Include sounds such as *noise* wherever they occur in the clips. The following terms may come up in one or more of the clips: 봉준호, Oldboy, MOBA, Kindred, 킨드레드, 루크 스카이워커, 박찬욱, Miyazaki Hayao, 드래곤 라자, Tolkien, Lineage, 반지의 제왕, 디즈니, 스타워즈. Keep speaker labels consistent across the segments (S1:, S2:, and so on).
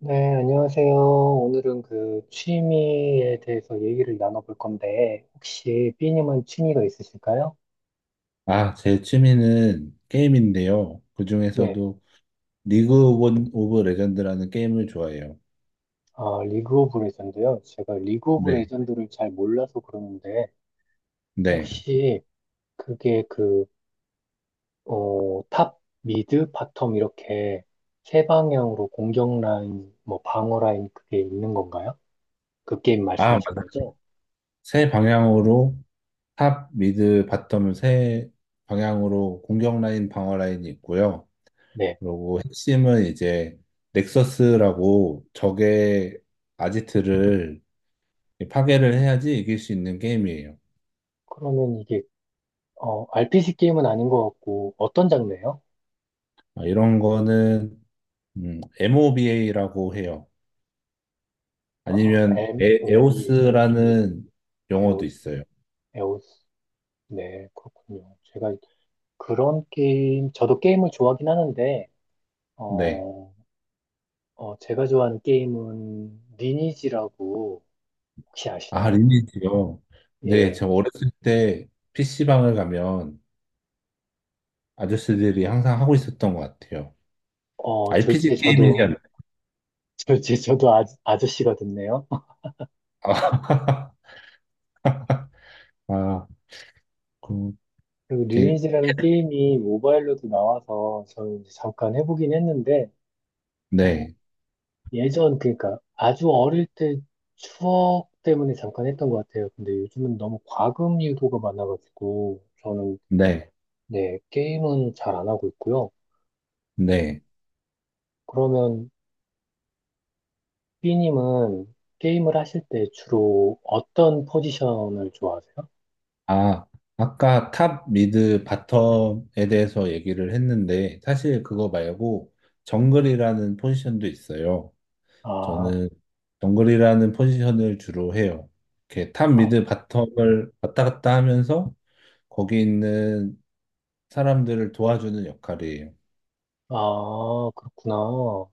S1: 네, 안녕하세요. 오늘은 그 취미에 대해서 얘기를 나눠볼 건데, 혹시 삐님은 취미가 있으실까요?
S2: 아, 제 취미는 게임인데요.
S1: 네,
S2: 그중에서도 리그 오브 레전드라는 게임을 좋아해요.
S1: 아, 리그 오브 레전드요. 제가 리그 오브
S2: 네.
S1: 레전드를 잘 몰라서 그러는데,
S2: 네.
S1: 혹시 그게 탑, 미드, 바텀 이렇게 세 방향으로 공격 라인, 뭐 방어 라인 그게 있는 건가요? 그 게임
S2: 아,
S1: 말씀하시는
S2: 맞아.
S1: 거죠?
S2: 세 방향으로 탑, 미드, 바텀 세 방향으로 공격 라인, 방어 라인이 있고요.
S1: 네,
S2: 그리고 핵심은 이제 넥서스라고 적의 아지트를 파괴를 해야지 이길 수 있는 게임이에요.
S1: 그러면 이게, RPG 게임은 아닌 것 같고, 어떤 장르예요?
S2: 아, 이런 거는 MOBA라고 해요.
S1: 아,
S2: 아니면 에,
S1: MOBA,
S2: 에오스라는 용어도
S1: 에오스,
S2: 있어요.
S1: 에오스. 네, 그렇군요. 제가 그런 게임, 저도 게임을 좋아하긴 하는데,
S2: 네.
S1: 어, 제가 좋아하는 게임은 리니지라고 혹시
S2: 아,
S1: 아시나요?
S2: 리니지요. 네,
S1: 예,
S2: 제가 어렸을 때 PC방을 가면 아저씨들이 항상 하고 있었던 것 같아요. RPG
S1: 졸지에 저도,
S2: 게임이지 않나요?
S1: 졸지에 *laughs* 저도 아, 아저씨가 됐네요. *laughs*
S2: 아, *laughs* 아, 그,
S1: 그리고
S2: 게-
S1: 리니지라는 게임이 모바일로도 나와서 저는 이제 잠깐 해보긴 했는데, 어,
S2: 네,
S1: 예전, 그러니까 아주 어릴 때 추억 때문에 잠깐 했던 것 같아요. 근데 요즘은 너무 과금 유도가 많아가지고, 저는,
S2: 네,
S1: 네, 게임은 잘 안 하고 있고요.
S2: 네.
S1: 그러면 B님은 게임을 하실 때 주로 어떤 포지션을 좋아하세요?
S2: 아, 아까 탑, 미드, 바텀에 대해서 얘기를 했는데 사실 그거 말고 정글이라는 포지션도 있어요.
S1: 아,
S2: 저는 정글이라는 포지션을 주로 해요. 이렇게 탑
S1: 아,
S2: 미드 바텀을 왔다 갔다 하면서 거기 있는 사람들을 도와주는 역할이에요.
S1: 아, 그렇구나.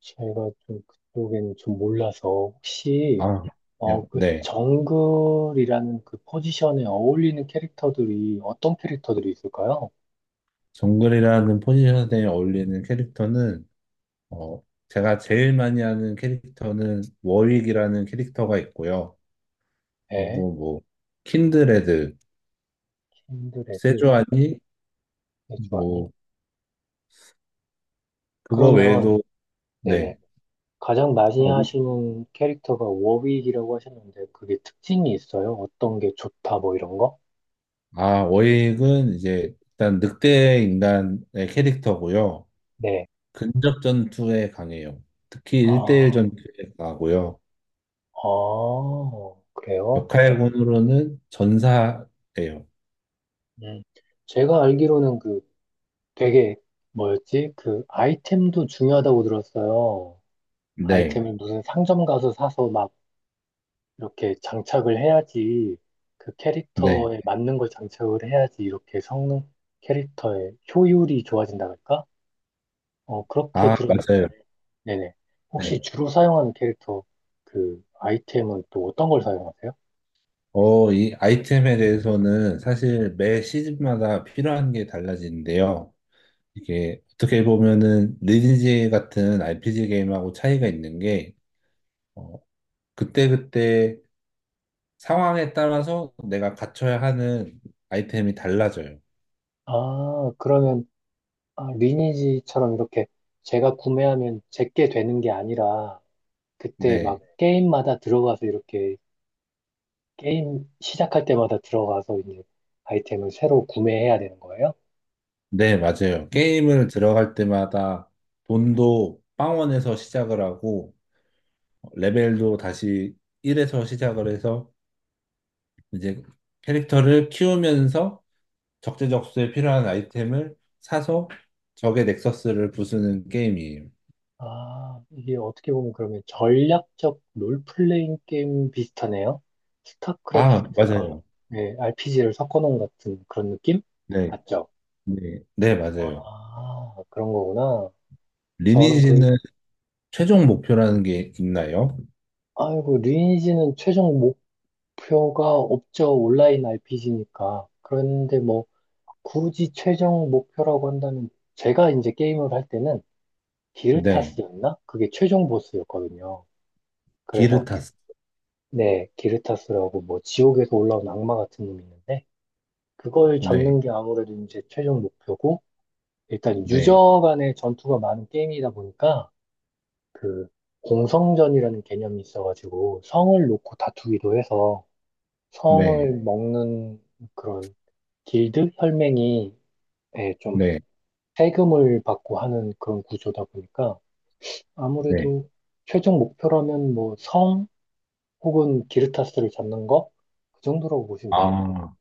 S1: 제가 좀 그쪽에는 좀 몰라서 혹시
S2: 아,
S1: 그
S2: 네.
S1: 정글이라는 그 포지션에 어울리는 캐릭터들이 어떤 캐릭터들이 있을까요?
S2: 정글이라는 포지션에 어울리는 캐릭터는 어, 제가 제일 많이 하는 캐릭터는 워윅이라는 캐릭터가 있고요.
S1: 네,
S2: 그리고 뭐 킨드레드,
S1: 킨드레드,
S2: 세조아니
S1: 해주아니.
S2: 뭐 그거
S1: 그러면,
S2: 외에도
S1: 네네.
S2: 네.
S1: 가장 많이
S2: 어,
S1: 하시는 캐릭터가 워윅이라고 하셨는데, 그게 특징이 있어요? 어떤 게 좋다, 뭐 이런 거?
S2: 워익은 이제 일단 늑대 인간의 캐릭터고요.
S1: 네.
S2: 근접 전투에 강해요. 특히 일대일
S1: 아,
S2: 전투에 강하고요.
S1: 아, 그래요?
S2: 역할군으로는 전사예요.
S1: 음. 제가 알기로는 그 되게, 뭐였지? 그 아이템도 중요하다고 들었어요.
S2: 네,
S1: 아이템을 무슨 상점 가서 사서 막 이렇게 장착을 해야지 그
S2: 네.
S1: 캐릭터에 맞는 걸 장착을 해야지 이렇게 성능 캐릭터의 효율이 좋아진다 그럴까? 그렇게
S2: 아,
S1: 들은,
S2: 맞아요.
S1: 네네. 혹시
S2: 네.
S1: 주로 사용하는 캐릭터 그 아이템은 또 어떤 걸 사용하세요?
S2: 이 아이템에 대해서는 사실 매 시즌마다 필요한 게 달라지는데요. 이게 어떻게 보면은 리니지 같은 RPG 게임하고 차이가 있는 게 어, 그때그때 상황에 따라서 내가 갖춰야 하는 아이템이 달라져요.
S1: 아, 그러면 아, 리니지처럼 이렇게 제가 구매하면 제게 되는 게 아니라 그때 막
S2: 네.
S1: 게임마다 들어가서 이렇게 게임 시작할 때마다 들어가서 이제 아이템을 새로 구매해야 되는 거예요?
S2: 네, 맞아요. 게임을 들어갈 때마다 돈도 빵원에서 시작을 하고, 레벨도 다시 1에서 시작을 해서, 이제 캐릭터를 키우면서 적재적소에 필요한 아이템을 사서 적의 넥서스를 부수는 게임이에요.
S1: 아, 이게 어떻게 보면 그러면 전략적 롤플레잉 게임 비슷하네요.
S2: 아,
S1: 스타크래프트랑
S2: 맞아요.
S1: RPG를 섞어놓은 같은 그런 느낌?
S2: 네,
S1: 맞죠?
S2: 네, 네, 맞아요.
S1: 아, 그런 거구나. 저는
S2: 리니지는 최종 목표라는 게 있나요?
S1: 아이고, 리니지는 최종 목표가 없죠. 온라인 RPG니까. 그런데 뭐, 굳이 최종 목표라고 한다면, 제가 이제 게임을 할 때는
S2: 네,
S1: 기르타스였나? 그게 최종 보스였거든요. 그래서,
S2: 기르타스.
S1: 네, 기르타스라고 뭐 지옥에서 올라온 악마 같은 놈이 있는데 그걸
S2: 네.
S1: 잡는 게 아무래도 이제 최종 목표고 일단
S2: 네,
S1: 유저 간의 전투가 많은 게임이다 보니까 그 공성전이라는 개념이 있어가지고 성을 놓고 다투기도 해서 성을
S2: 네,
S1: 먹는 그런 길드 혈맹이 예, 좀
S2: 네,
S1: 세금을 받고 하는 그런 구조다 보니까
S2: 네.
S1: 아무래도 최종 목표라면 뭐 성 혹은 기르타스를 잡는 거 그 정도라고 보시면 되겠네요.
S2: 아,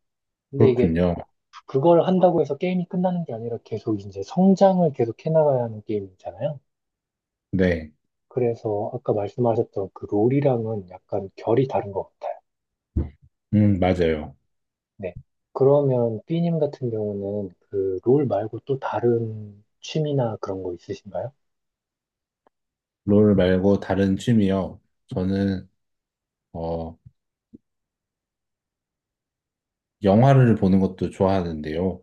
S1: 근데 이게
S2: 그렇군요.
S1: 그걸 한다고 해서 게임이 끝나는 게 아니라 계속 이제 성장을 계속 해나가야 하는 게임이잖아요.
S2: 네,
S1: 그래서 아까 말씀하셨던 그 롤이랑은 약간 결이 다른 것 같아요.
S2: 맞아요.
S1: 네. 그러면 삐님 같은 경우는 그 롤 말고 또 다른 취미나 그런 거 있으신가요?
S2: 롤 말고 다른 취미요. 저는, 어, 영화를 보는 것도 좋아하는데요.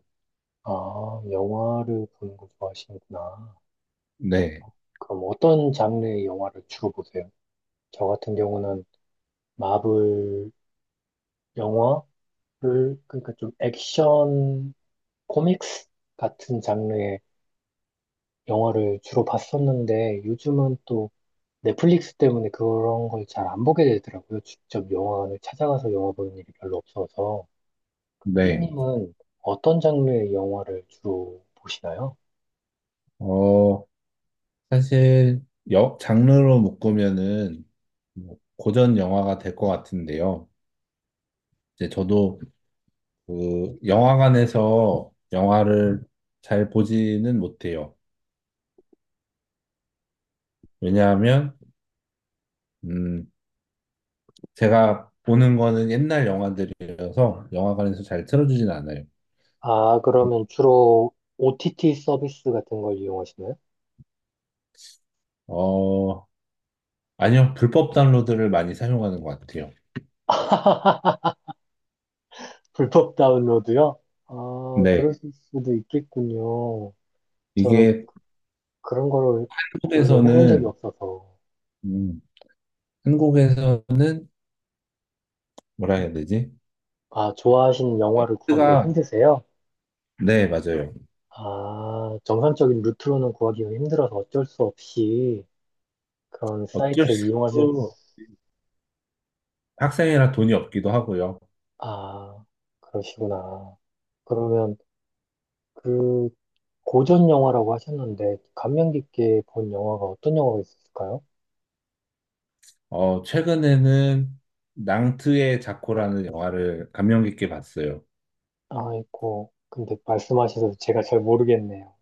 S1: 아, 영화를 보는 거 좋아하시는구나.
S2: 네,
S1: 그럼 어떤 장르의 영화를 주로 보세요? 저 같은 경우는 마블 영화를, 그러니까 좀 액션, 코믹스 같은 장르의 영화를 주로 봤었는데 요즘은 또 넷플릭스 때문에 그런 걸 잘 안 보게 되더라고요. 직접 영화관을 찾아가서 영화 보는 일이 별로 없어서.
S2: 네.
S1: B님은 어떤 장르의 영화를 주로 보시나요?
S2: 어, 사실, 장르로 묶으면은, 뭐 고전 영화가 될 것 같은데요. 이제 저도 그 영화관에서 영화를 잘 보지는 못해요. 왜냐하면, 음, 제가 보는 거는 옛날 영화들이어서 영화관에서 잘 틀어주진 않아요.
S1: 아, 그러면 주로 OTT 서비스 같은 걸 이용하시나요?
S2: 어, 아니요. 불법 다운로드를 많이 사용하는 것 같아요.
S1: 불법 다운로드요? 아,
S2: 네.
S1: 그럴 수도 있겠군요. 저는
S2: 이게
S1: 그런 거를 별로 해본 적이
S2: 한국에서는,
S1: 없어서.
S2: 음, 한국에서는 뭐라 해야 되지?
S1: 아, 좋아하시는 영화를 구하기가
S2: 가
S1: 힘드세요?
S2: 네, 맞아요.
S1: 아, 정상적인 루트로는 구하기가 힘들어서 어쩔 수 없이 그런
S2: 어쩔
S1: 사이트를
S2: 수
S1: 이용하실,
S2: 없고
S1: 수-
S2: 학생이라 돈이 없기도 하고요.
S1: 아, 그러시구나. 그러면 그 고전 영화라고 하셨는데, 감명 깊게 본 영화가 어떤 영화가 있을까요?
S2: 최근에는 낭트의 자코라는 영화를 감명 깊게 봤어요.
S1: 아이고, 근데 말씀하셔서 제가 잘 모르겠네요.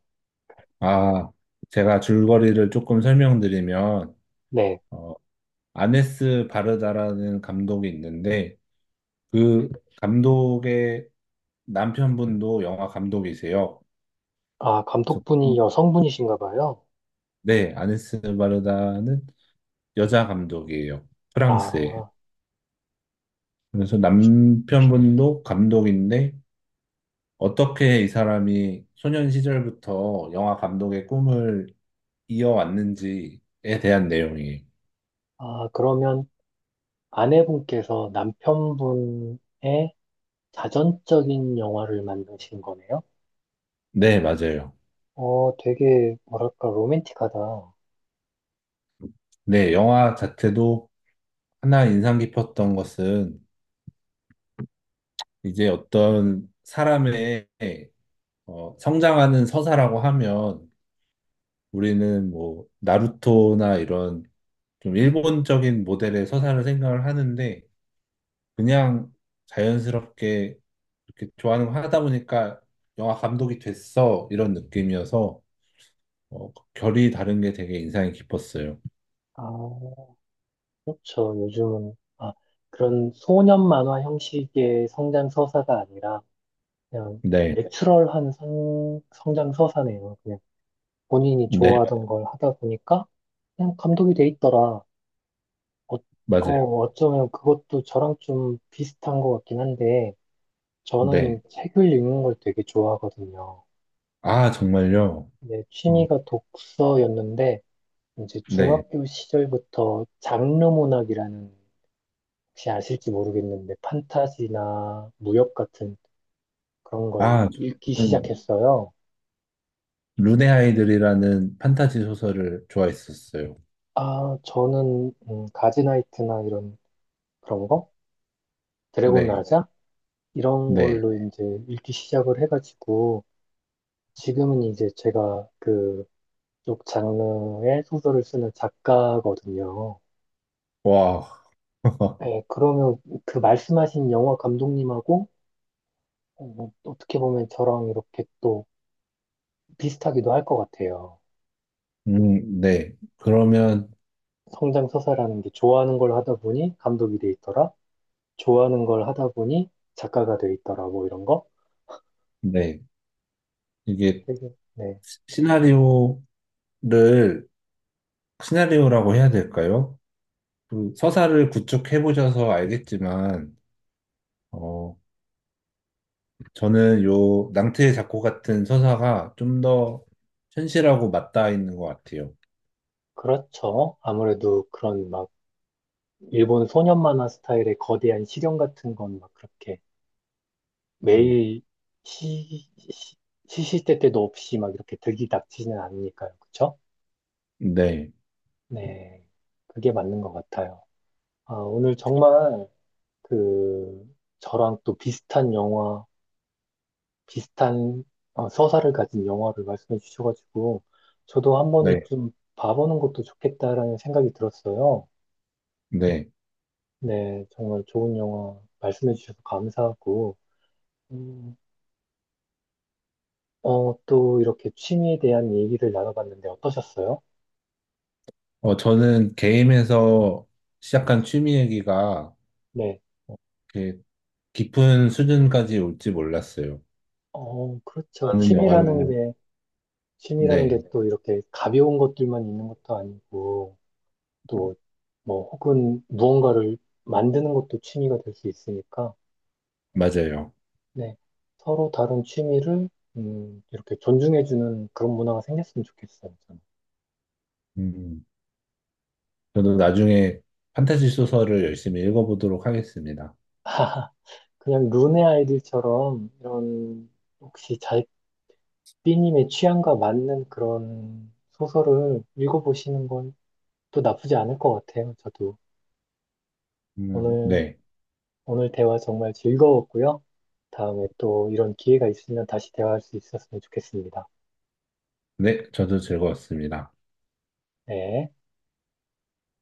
S2: 아, 제가 줄거리를 조금 설명드리면,
S1: 네.
S2: 어, 아네스 바르다라는 감독이 있는데 그 감독의 남편분도 영화 감독이세요.
S1: 아,
S2: 그래서
S1: 감독분이 여성분이신가 봐요.
S2: 네, 아네스 바르다는 여자 감독이에요. 프랑스에.
S1: 아,
S2: 그래서
S1: 그러시-
S2: 남편분도 감독인데 어떻게 이 사람이 소년 시절부터 영화 감독의 꿈을 이어왔는지에 대한 내용이에요.
S1: 아, 그러면 아내분께서 남편분의 자전적인 영화를 만드신 거네요?
S2: 네, 맞아요.
S1: 되게, 뭐랄까, 로맨틱하다.
S2: 네, 영화 자체도 하나 인상 깊었던 것은 이제 어떤 사람의 성장하는 서사라고 하면 우리는 뭐 나루토나 이런 좀 일본적인 모델의 서사를 생각을 하는데 그냥 자연스럽게 이렇게 좋아하는 거 하다 보니까 영화 감독이 됐어 이런 느낌이어서 결이 다른 게 되게 인상이 깊었어요.
S1: 아, 그렇죠. 요즘은, 아, 그런 소년 만화 형식의 성장 서사가 아니라, 그냥,
S2: 네,
S1: 내추럴한 성장 서사네요. 그냥, 본인이
S2: 네,
S1: 좋아하던 걸 하다 보니까, 그냥 감독이 돼 있더라. 어, 어,
S2: 맞아요.
S1: 어쩌면 그것도 저랑 좀 비슷한 것 같긴 한데, 저는
S2: 네.
S1: 책을 읽는 걸 되게 좋아하거든요.
S2: 아, 정말요?
S1: 내
S2: 어,
S1: 취미가 독서였는데, 이제
S2: 네.
S1: 중학교 시절부터 장르문학이라는 혹시 아실지 모르겠는데 판타지나 무협 같은 그런 걸
S2: 아,
S1: 읽기
S2: 저는
S1: 시작했어요.
S2: 룬의 아이들이라는 판타지 소설을 좋아했었어요.
S1: 아, 저는 가즈나이트나 이런 그런 거? 드래곤
S2: 네,
S1: 라자? 이런
S2: 네,
S1: 걸로 이제 읽기 시작을 해가지고 지금은 이제 제가 그쪽 장르의 소설을 쓰는 작가거든요.
S2: 와, *laughs*
S1: 네, 그러면 그 말씀하신 영화 감독님하고 어떻게 보면 저랑 이렇게 또 비슷하기도 할 것 같아요.
S2: 네. 그러면
S1: 성장서사라는 게 좋아하는 걸 하다 보니 감독이 돼 있더라. 좋아하는 걸 하다 보니 작가가 돼 있더라. 뭐 이런 거.
S2: 네, 이게
S1: 되게, 네.
S2: 시나리오를 시나리오라고 해야 될까요? 그 서사를 구축해 보셔서 알겠지만, 어, 저는 요 낭트의 작고 같은 서사가 좀 더 현실하고 맞닿아 있는 것 같아요.
S1: 그렇죠. 아무래도 그런 막 일본 소년 만화 스타일의 거대한 실현 같은 건 막 그렇게
S2: 음,
S1: 매일 시, 시, 시시때때도 없이 막 이렇게 들이닥치지는 않으니까요. 그쵸?
S2: 네,
S1: 네. 그게 맞는 것 같아요. 아, 오늘 정말 그 저랑 또 비슷한 서사를 가진 영화를 말씀해 주셔가지고 저도
S2: 네,
S1: 한번 좀 봐보는 것도 좋겠다라는 생각이 들었어요.
S2: 네.
S1: 네, 정말 좋은 영화 말씀해 주셔서 감사하고 음, 또 이렇게 취미에 대한 얘기를 나눠봤는데 어떠셨어요?
S2: 저는 게임에서 시작한 취미 얘기가
S1: 네,
S2: 어, 이렇게 깊은 수준까지 올지 몰랐어요.
S1: 그렇죠.
S2: 많은
S1: 취미라는
S2: 영화를,
S1: 게 취미라는 게
S2: 네,
S1: 또 이렇게 가벼운 것들만 있는 것도 아니고 또 뭐 혹은 무언가를 만드는 것도 취미가 될 수 있으니까.
S2: 맞아요.
S1: 네. 서로 다른 취미를 이렇게 존중해주는 그런 문화가 생겼으면 좋겠어요. 저는.
S2: 음, 저도 나중에 판타지 소설을 열심히 읽어보도록 하겠습니다.
S1: 그냥 룬의 아이들처럼 이런 혹시 잘삐님의 취향과 맞는 그런 소설을 읽어보시는 건 또 나쁘지 않을 것 같아요. 저도 오늘
S2: 네.
S1: 오늘 대화 정말 즐거웠고요. 다음에 또 이런 기회가 있으면 다시 대화할 수 있었으면 좋겠습니다.
S2: 네, 저도 즐거웠습니다.
S1: 네.